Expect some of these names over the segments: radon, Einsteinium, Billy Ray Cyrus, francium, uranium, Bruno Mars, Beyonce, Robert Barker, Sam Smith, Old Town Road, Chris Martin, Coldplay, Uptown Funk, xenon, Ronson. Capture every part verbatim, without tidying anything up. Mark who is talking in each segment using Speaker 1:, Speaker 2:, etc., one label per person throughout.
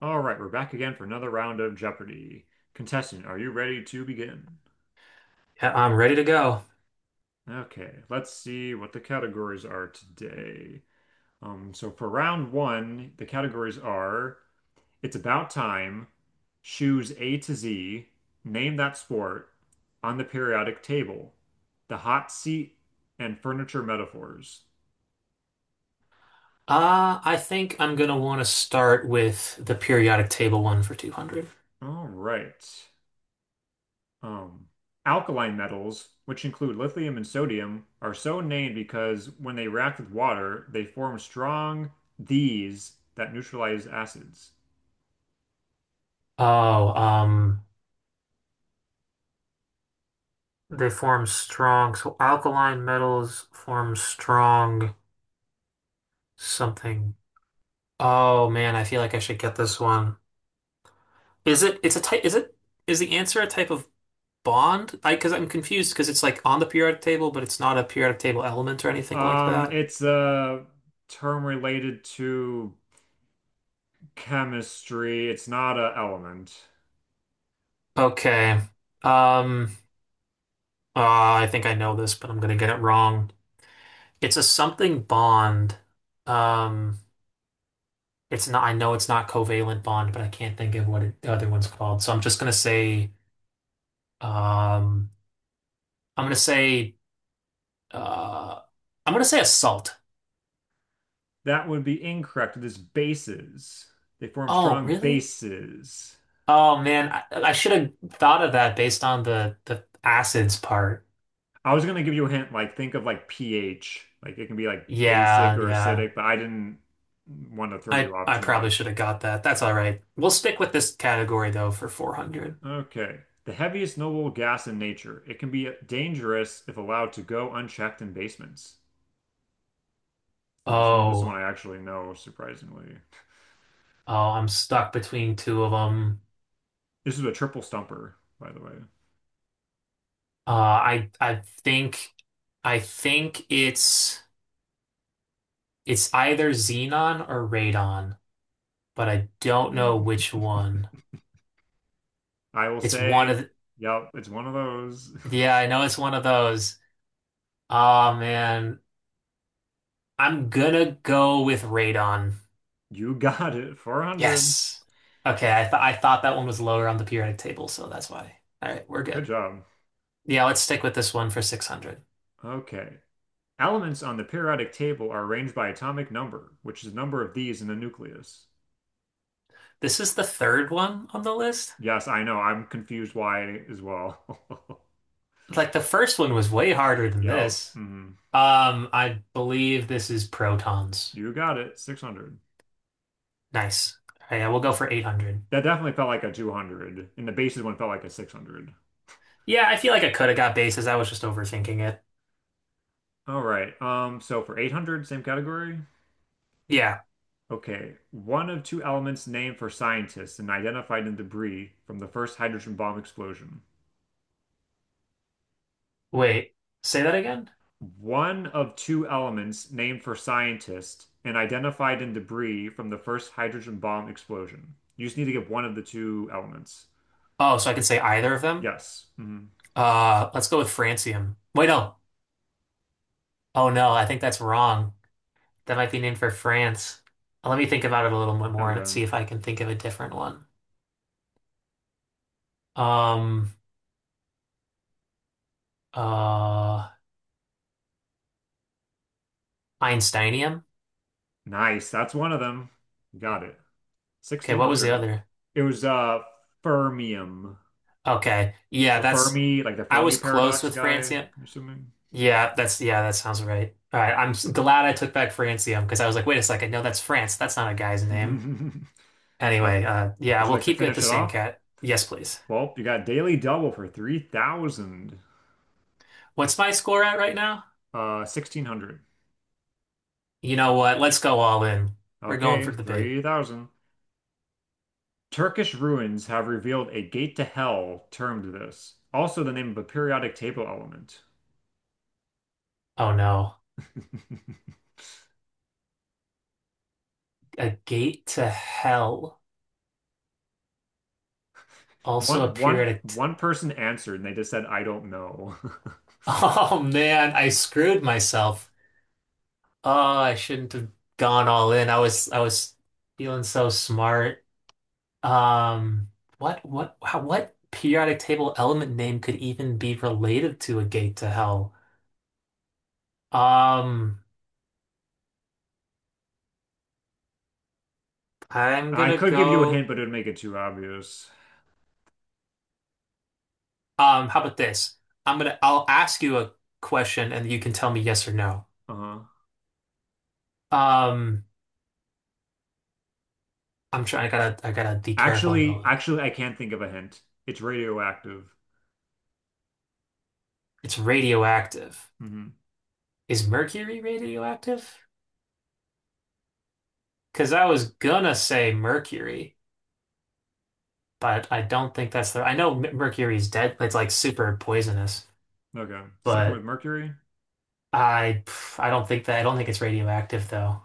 Speaker 1: All right, we're back again for another round of Jeopardy. Contestant, are you ready to begin?
Speaker 2: Yeah, I'm ready to go.
Speaker 1: Okay, let's see what the categories are today. Um, so for round one, the categories are It's About Time, Shoes A to Z, Name That Sport, On the Periodic Table, The Hot Seat, and Furniture Metaphors.
Speaker 2: Uh, I think I'm gonna want to start with the periodic table one for two hundred.
Speaker 1: All right. Um, Alkaline metals, which include lithium and sodium, are so named because when they react with water, they form strong Ds that neutralize acids.
Speaker 2: Oh, um, they form strong. So alkaline metals form strong something. Oh man, I feel like I should get this one. Is it? It's a type. Is it? Is the answer a type of bond? I because I'm confused because it's like on the periodic table, but it's not a periodic table element or anything like
Speaker 1: Um,
Speaker 2: that.
Speaker 1: it's a term related to chemistry. It's not an element.
Speaker 2: Okay. Um. Uh, I think I know this, but I'm gonna get it wrong. It's a something bond. Um, it's not. I know it's not covalent bond, but I can't think of what it, the other one's called. So I'm just gonna say. Um, I'm gonna say. Uh, I'm gonna say a salt.
Speaker 1: That would be incorrect. It is bases. They form
Speaker 2: Oh,
Speaker 1: strong
Speaker 2: really?
Speaker 1: bases.
Speaker 2: Oh man, I, I should have thought of that based on the the acids part.
Speaker 1: I was gonna give you a hint, like think of like pH. Like it can be like basic
Speaker 2: Yeah,
Speaker 1: or
Speaker 2: yeah.
Speaker 1: acidic, but I didn't want to throw
Speaker 2: I
Speaker 1: you off
Speaker 2: I
Speaker 1: too
Speaker 2: probably should
Speaker 1: much.
Speaker 2: have got that. That's all right. We'll stick with this category though for four hundred.
Speaker 1: Okay. The heaviest knowable gas in nature. It can be dangerous if allowed to go unchecked in basements. Huh. This is one, this is one I
Speaker 2: Oh,
Speaker 1: actually know, surprisingly.
Speaker 2: oh, I'm stuck between two of them.
Speaker 1: This is a triple stumper, by the way.
Speaker 2: Uh, I I think I think it's it's either xenon or radon, but I don't know
Speaker 1: Mm.
Speaker 2: which one.
Speaker 1: I will
Speaker 2: It's one
Speaker 1: say,
Speaker 2: of
Speaker 1: yep, it's one of those.
Speaker 2: the, yeah, I know it's one of those. Oh man, I'm gonna go with radon.
Speaker 1: You got it. four hundred.
Speaker 2: Yes. Okay, I thought I thought that one was lower on the periodic table, so that's why. All right, we're
Speaker 1: Good
Speaker 2: good.
Speaker 1: job.
Speaker 2: Yeah, let's stick with this one for six hundred.
Speaker 1: Okay. Elements on the periodic table are arranged by atomic number, which is the number of these in the nucleus.
Speaker 2: This is the third one on the list.
Speaker 1: Yes, I know. I'm confused why as well.
Speaker 2: Like the first one was way harder than
Speaker 1: Yep.
Speaker 2: this.
Speaker 1: Mhm.
Speaker 2: Um, I believe this is protons.
Speaker 1: You got it. six hundred.
Speaker 2: Nice. All right, yeah, we'll go for eight hundred.
Speaker 1: That definitely felt like a two hundred, and the bases one felt like a six hundred.
Speaker 2: Yeah, I feel like I could have got bases. I was just overthinking it.
Speaker 1: All right. Um, so for eight hundred, same category.
Speaker 2: Yeah.
Speaker 1: Okay. One of two elements named for scientists and identified in debris from the first hydrogen bomb explosion.
Speaker 2: Wait, say that again?
Speaker 1: One of two elements named for scientists and identified in debris from the first hydrogen bomb explosion. You just need to give one of the two elements.
Speaker 2: Oh, so I can say either of them?
Speaker 1: Yes. Hmm.
Speaker 2: Uh, let's go with francium. Wait, no. Oh no, I think that's wrong. That might be named for France. Uh, Let me think about it a little bit more and see
Speaker 1: Okay.
Speaker 2: if I can think of a different one. Um, uh, Einsteinium?
Speaker 1: Nice. That's one of them. Got it.
Speaker 2: Okay, what was the
Speaker 1: sixteen hundred.
Speaker 2: other?
Speaker 1: It was uh fermium.
Speaker 2: Okay. Yeah,
Speaker 1: So
Speaker 2: that's
Speaker 1: Fermi, like the
Speaker 2: I
Speaker 1: Fermi
Speaker 2: was close
Speaker 1: paradox
Speaker 2: with
Speaker 1: guy,
Speaker 2: francium.
Speaker 1: I'm assuming.
Speaker 2: Yeah, that's yeah, that sounds right. All right, I'm s- glad I took back Francium because I was like, wait a second, no, that's France. That's not a guy's name.
Speaker 1: Okay.
Speaker 2: Anyway, uh, yeah,
Speaker 1: Would you
Speaker 2: we'll
Speaker 1: like to
Speaker 2: keep it the
Speaker 1: finish it
Speaker 2: same
Speaker 1: off?
Speaker 2: cat. Yes, please.
Speaker 1: Well, you got daily double for three thousand.
Speaker 2: What's my score at right now?
Speaker 1: Uh, sixteen hundred.
Speaker 2: You know what? Let's go all in. We're going
Speaker 1: Okay,
Speaker 2: for the big.
Speaker 1: three thousand. Turkish ruins have revealed a gate to hell termed this. Also the name of a periodic table element.
Speaker 2: Oh no, a gate to hell also
Speaker 1: One one
Speaker 2: appeared at. a t-
Speaker 1: one person answered and they just said, I don't know.
Speaker 2: Oh man, I screwed myself. Oh, I shouldn't have gone all in. I was I was feeling so smart. Um, what what how, what periodic table element name could even be related to a gate to hell? Um, I'm
Speaker 1: I
Speaker 2: gonna
Speaker 1: could give you a hint,
Speaker 2: go.
Speaker 1: but it would make it too obvious.
Speaker 2: Um, how about this? I'm gonna I'll ask you a question and you can tell me yes or no.
Speaker 1: Uh-huh.
Speaker 2: Um, I'm trying. I gotta I gotta be careful
Speaker 1: Actually,
Speaker 2: though.
Speaker 1: actually, I can't think of a hint. It's radioactive.
Speaker 2: It's radioactive.
Speaker 1: Hmm.
Speaker 2: Is mercury radioactive? Because I was gonna say mercury, but I don't think that's the. I know m- mercury is dead. It's like super poisonous,
Speaker 1: Okay. Sticking with
Speaker 2: but.
Speaker 1: mercury?
Speaker 2: I I don't think that I don't think it's radioactive though.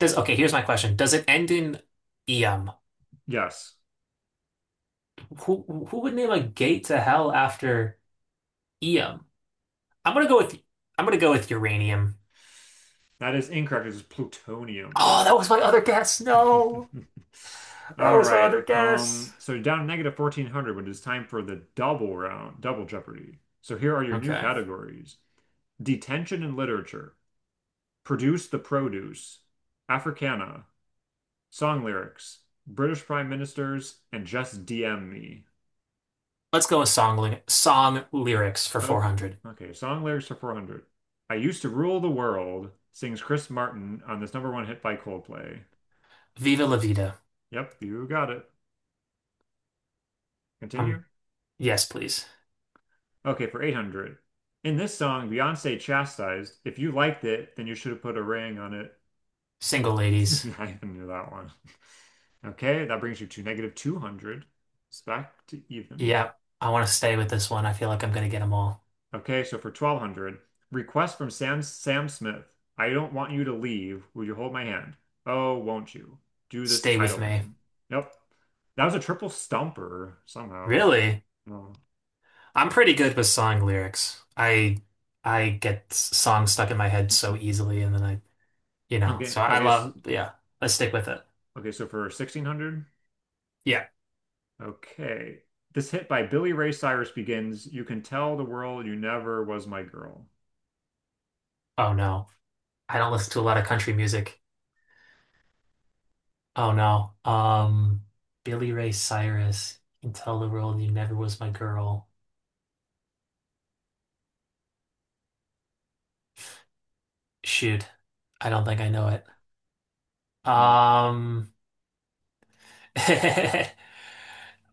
Speaker 2: Does okay, here's my question. Does it end in Eum?
Speaker 1: Yes.
Speaker 2: Who who would name a gate to hell after Eum? I'm gonna go with I'm gonna go with uranium.
Speaker 1: That is incorrect. It's plutonium.
Speaker 2: Oh, that was my other guess. No, that
Speaker 1: All
Speaker 2: was my
Speaker 1: right.
Speaker 2: other guess.
Speaker 1: Um, so down to negative fourteen hundred when it is time for the double round, double Jeopardy. So here are your new
Speaker 2: Okay.
Speaker 1: categories. Detention and Literature. Produce the Produce. Africana. Song Lyrics, British Prime Ministers, and Just D M Me.
Speaker 2: Let's go with song ly- song lyrics for
Speaker 1: Oh,
Speaker 2: four hundred.
Speaker 1: okay. Song lyrics are four hundred. I used to rule the world, sings Chris Martin on this number one hit by Coldplay.
Speaker 2: Viva la vida.
Speaker 1: Yep, you got it.
Speaker 2: Um,
Speaker 1: Continue.
Speaker 2: yes, please.
Speaker 1: Okay, for eight hundred. In this song, Beyonce chastised, if you liked it, then you should have put a ring on it.
Speaker 2: Single ladies.
Speaker 1: I even knew that one. Okay, that brings you to negative two hundred. It's back to even.
Speaker 2: Yep. I want to stay with this one. I feel like I'm gonna get them all.
Speaker 1: Okay, so for twelve hundred, request from Sam Sam Smith. I don't want you to leave. Would you hold my hand? Oh, won't you? Do this
Speaker 2: Stay with
Speaker 1: title
Speaker 2: me.
Speaker 1: election. Yep. That was a triple stumper somehow.
Speaker 2: Really?
Speaker 1: No.
Speaker 2: I'm pretty good with song lyrics. I I get s- songs stuck in my head so easily, and then I, you know,
Speaker 1: Okay,
Speaker 2: so I
Speaker 1: okay, s-
Speaker 2: love, yeah, let's stick with it.
Speaker 1: okay, so for sixteen hundred,
Speaker 2: Yeah.
Speaker 1: okay. This hit by Billy Ray Cyrus begins, you can tell the world you never was my girl.
Speaker 2: Oh no. I don't listen to a lot of country music. Oh no. Um, Billy Ray Cyrus, you can tell the world you never was my girl. Shoot. I don't think I know it.
Speaker 1: Okay.
Speaker 2: Um, uh,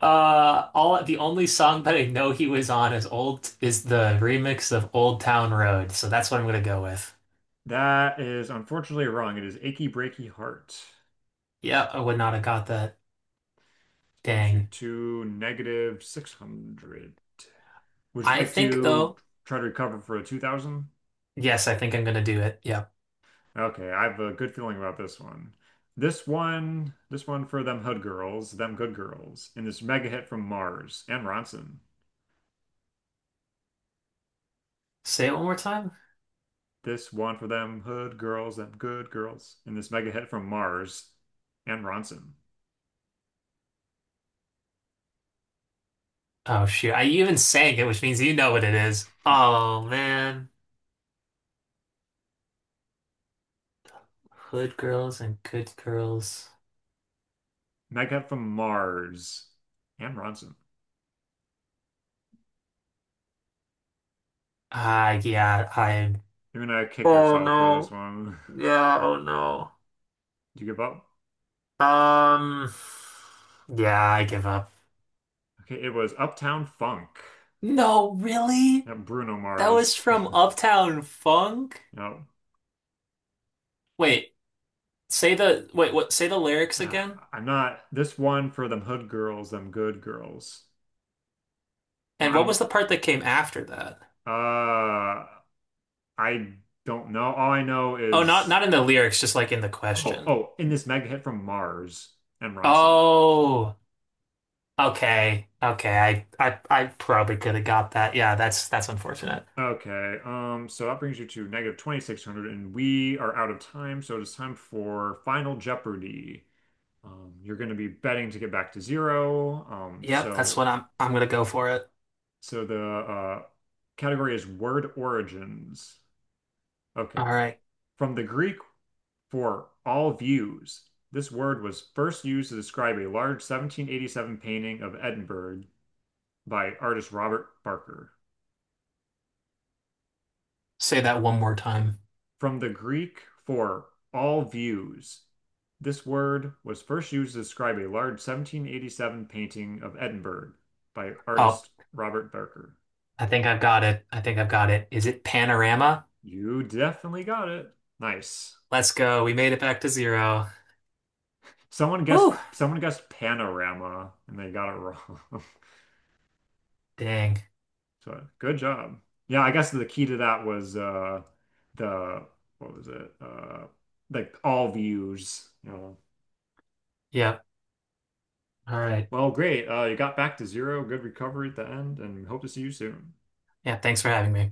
Speaker 2: all the only song that I know he was on is old is the remix of Old Town Road, so that's what I'm gonna go with.
Speaker 1: That is unfortunately wrong. It is Achy Breaky Heart.
Speaker 2: Yeah, I would not have got that.
Speaker 1: Brings you
Speaker 2: Dang.
Speaker 1: to negative six hundred. Would you
Speaker 2: I
Speaker 1: like
Speaker 2: think
Speaker 1: to
Speaker 2: though,
Speaker 1: try to recover for a two thousand?
Speaker 2: yes, I think I'm gonna do it. Yep.
Speaker 1: Okay, I have a good feeling about this one. This one, this one for them hood girls, them good girls, and this mega hit from Mars and Ronson.
Speaker 2: Say it one more time.
Speaker 1: This one for them hood girls, them good girls, and this mega hit from Mars and Ronson.
Speaker 2: Oh shoot. I even sang it, which means you know what it is. Oh man. Hood girls and good girls.
Speaker 1: Mega hit from Mars and Ronson.
Speaker 2: Ah, yeah, I'm
Speaker 1: You're gonna kick
Speaker 2: oh
Speaker 1: yourself for this
Speaker 2: no.
Speaker 1: one.
Speaker 2: Yeah, oh no.
Speaker 1: Did you give up?
Speaker 2: Um yeah, I give up.
Speaker 1: Okay, it was Uptown Funk.
Speaker 2: No, really?
Speaker 1: Yep, Bruno
Speaker 2: That was
Speaker 1: Mars.
Speaker 2: from Uptown Funk?
Speaker 1: Yep.
Speaker 2: Wait, say the wait, what say the lyrics again?
Speaker 1: Ah, I'm not this one for them hood girls, them good girls. No,
Speaker 2: And
Speaker 1: I
Speaker 2: what was
Speaker 1: don't
Speaker 2: the part that came after that?
Speaker 1: uh I don't know. All I know
Speaker 2: Oh, not
Speaker 1: is
Speaker 2: not in the lyrics, just like in the
Speaker 1: oh
Speaker 2: question.
Speaker 1: oh in this mega hit from Mars and Ronson.
Speaker 2: Oh, okay. Okay. I I I probably could have got that. Yeah, that's that's unfortunate.
Speaker 1: Okay, um, so that brings you to negative twenty-six hundred, and we are out of time, so it is time for Final Jeopardy. Um, you're going to be betting to get back to zero. Um,
Speaker 2: Yep, that's
Speaker 1: so,
Speaker 2: what I'm I'm gonna go for it.
Speaker 1: so the uh, category is word origins.
Speaker 2: All
Speaker 1: Okay.
Speaker 2: right.
Speaker 1: From the Greek for all views. This word was first used to describe a large seventeen eighty-seven painting of Edinburgh by artist Robert Barker.
Speaker 2: Say that one more time.
Speaker 1: From the Greek for all views, this word was first used to describe a large seventeen eighty-seven painting of Edinburgh by
Speaker 2: Oh,
Speaker 1: artist Robert Barker.
Speaker 2: I think I've got it. I think I've got it. Is it panorama?
Speaker 1: You definitely got it. Nice.
Speaker 2: Let's go. We made it back to zero.
Speaker 1: Someone guessed
Speaker 2: Whew.
Speaker 1: someone guessed panorama and they got it wrong.
Speaker 2: Dang.
Speaker 1: So good job. Yeah, I guess the key to that was uh the what was it? Uh like all views, you know.
Speaker 2: Yep. All right.
Speaker 1: Well, great. Uh you got back to zero. Good recovery at the end and hope to see you soon.
Speaker 2: Yeah, thanks for having me.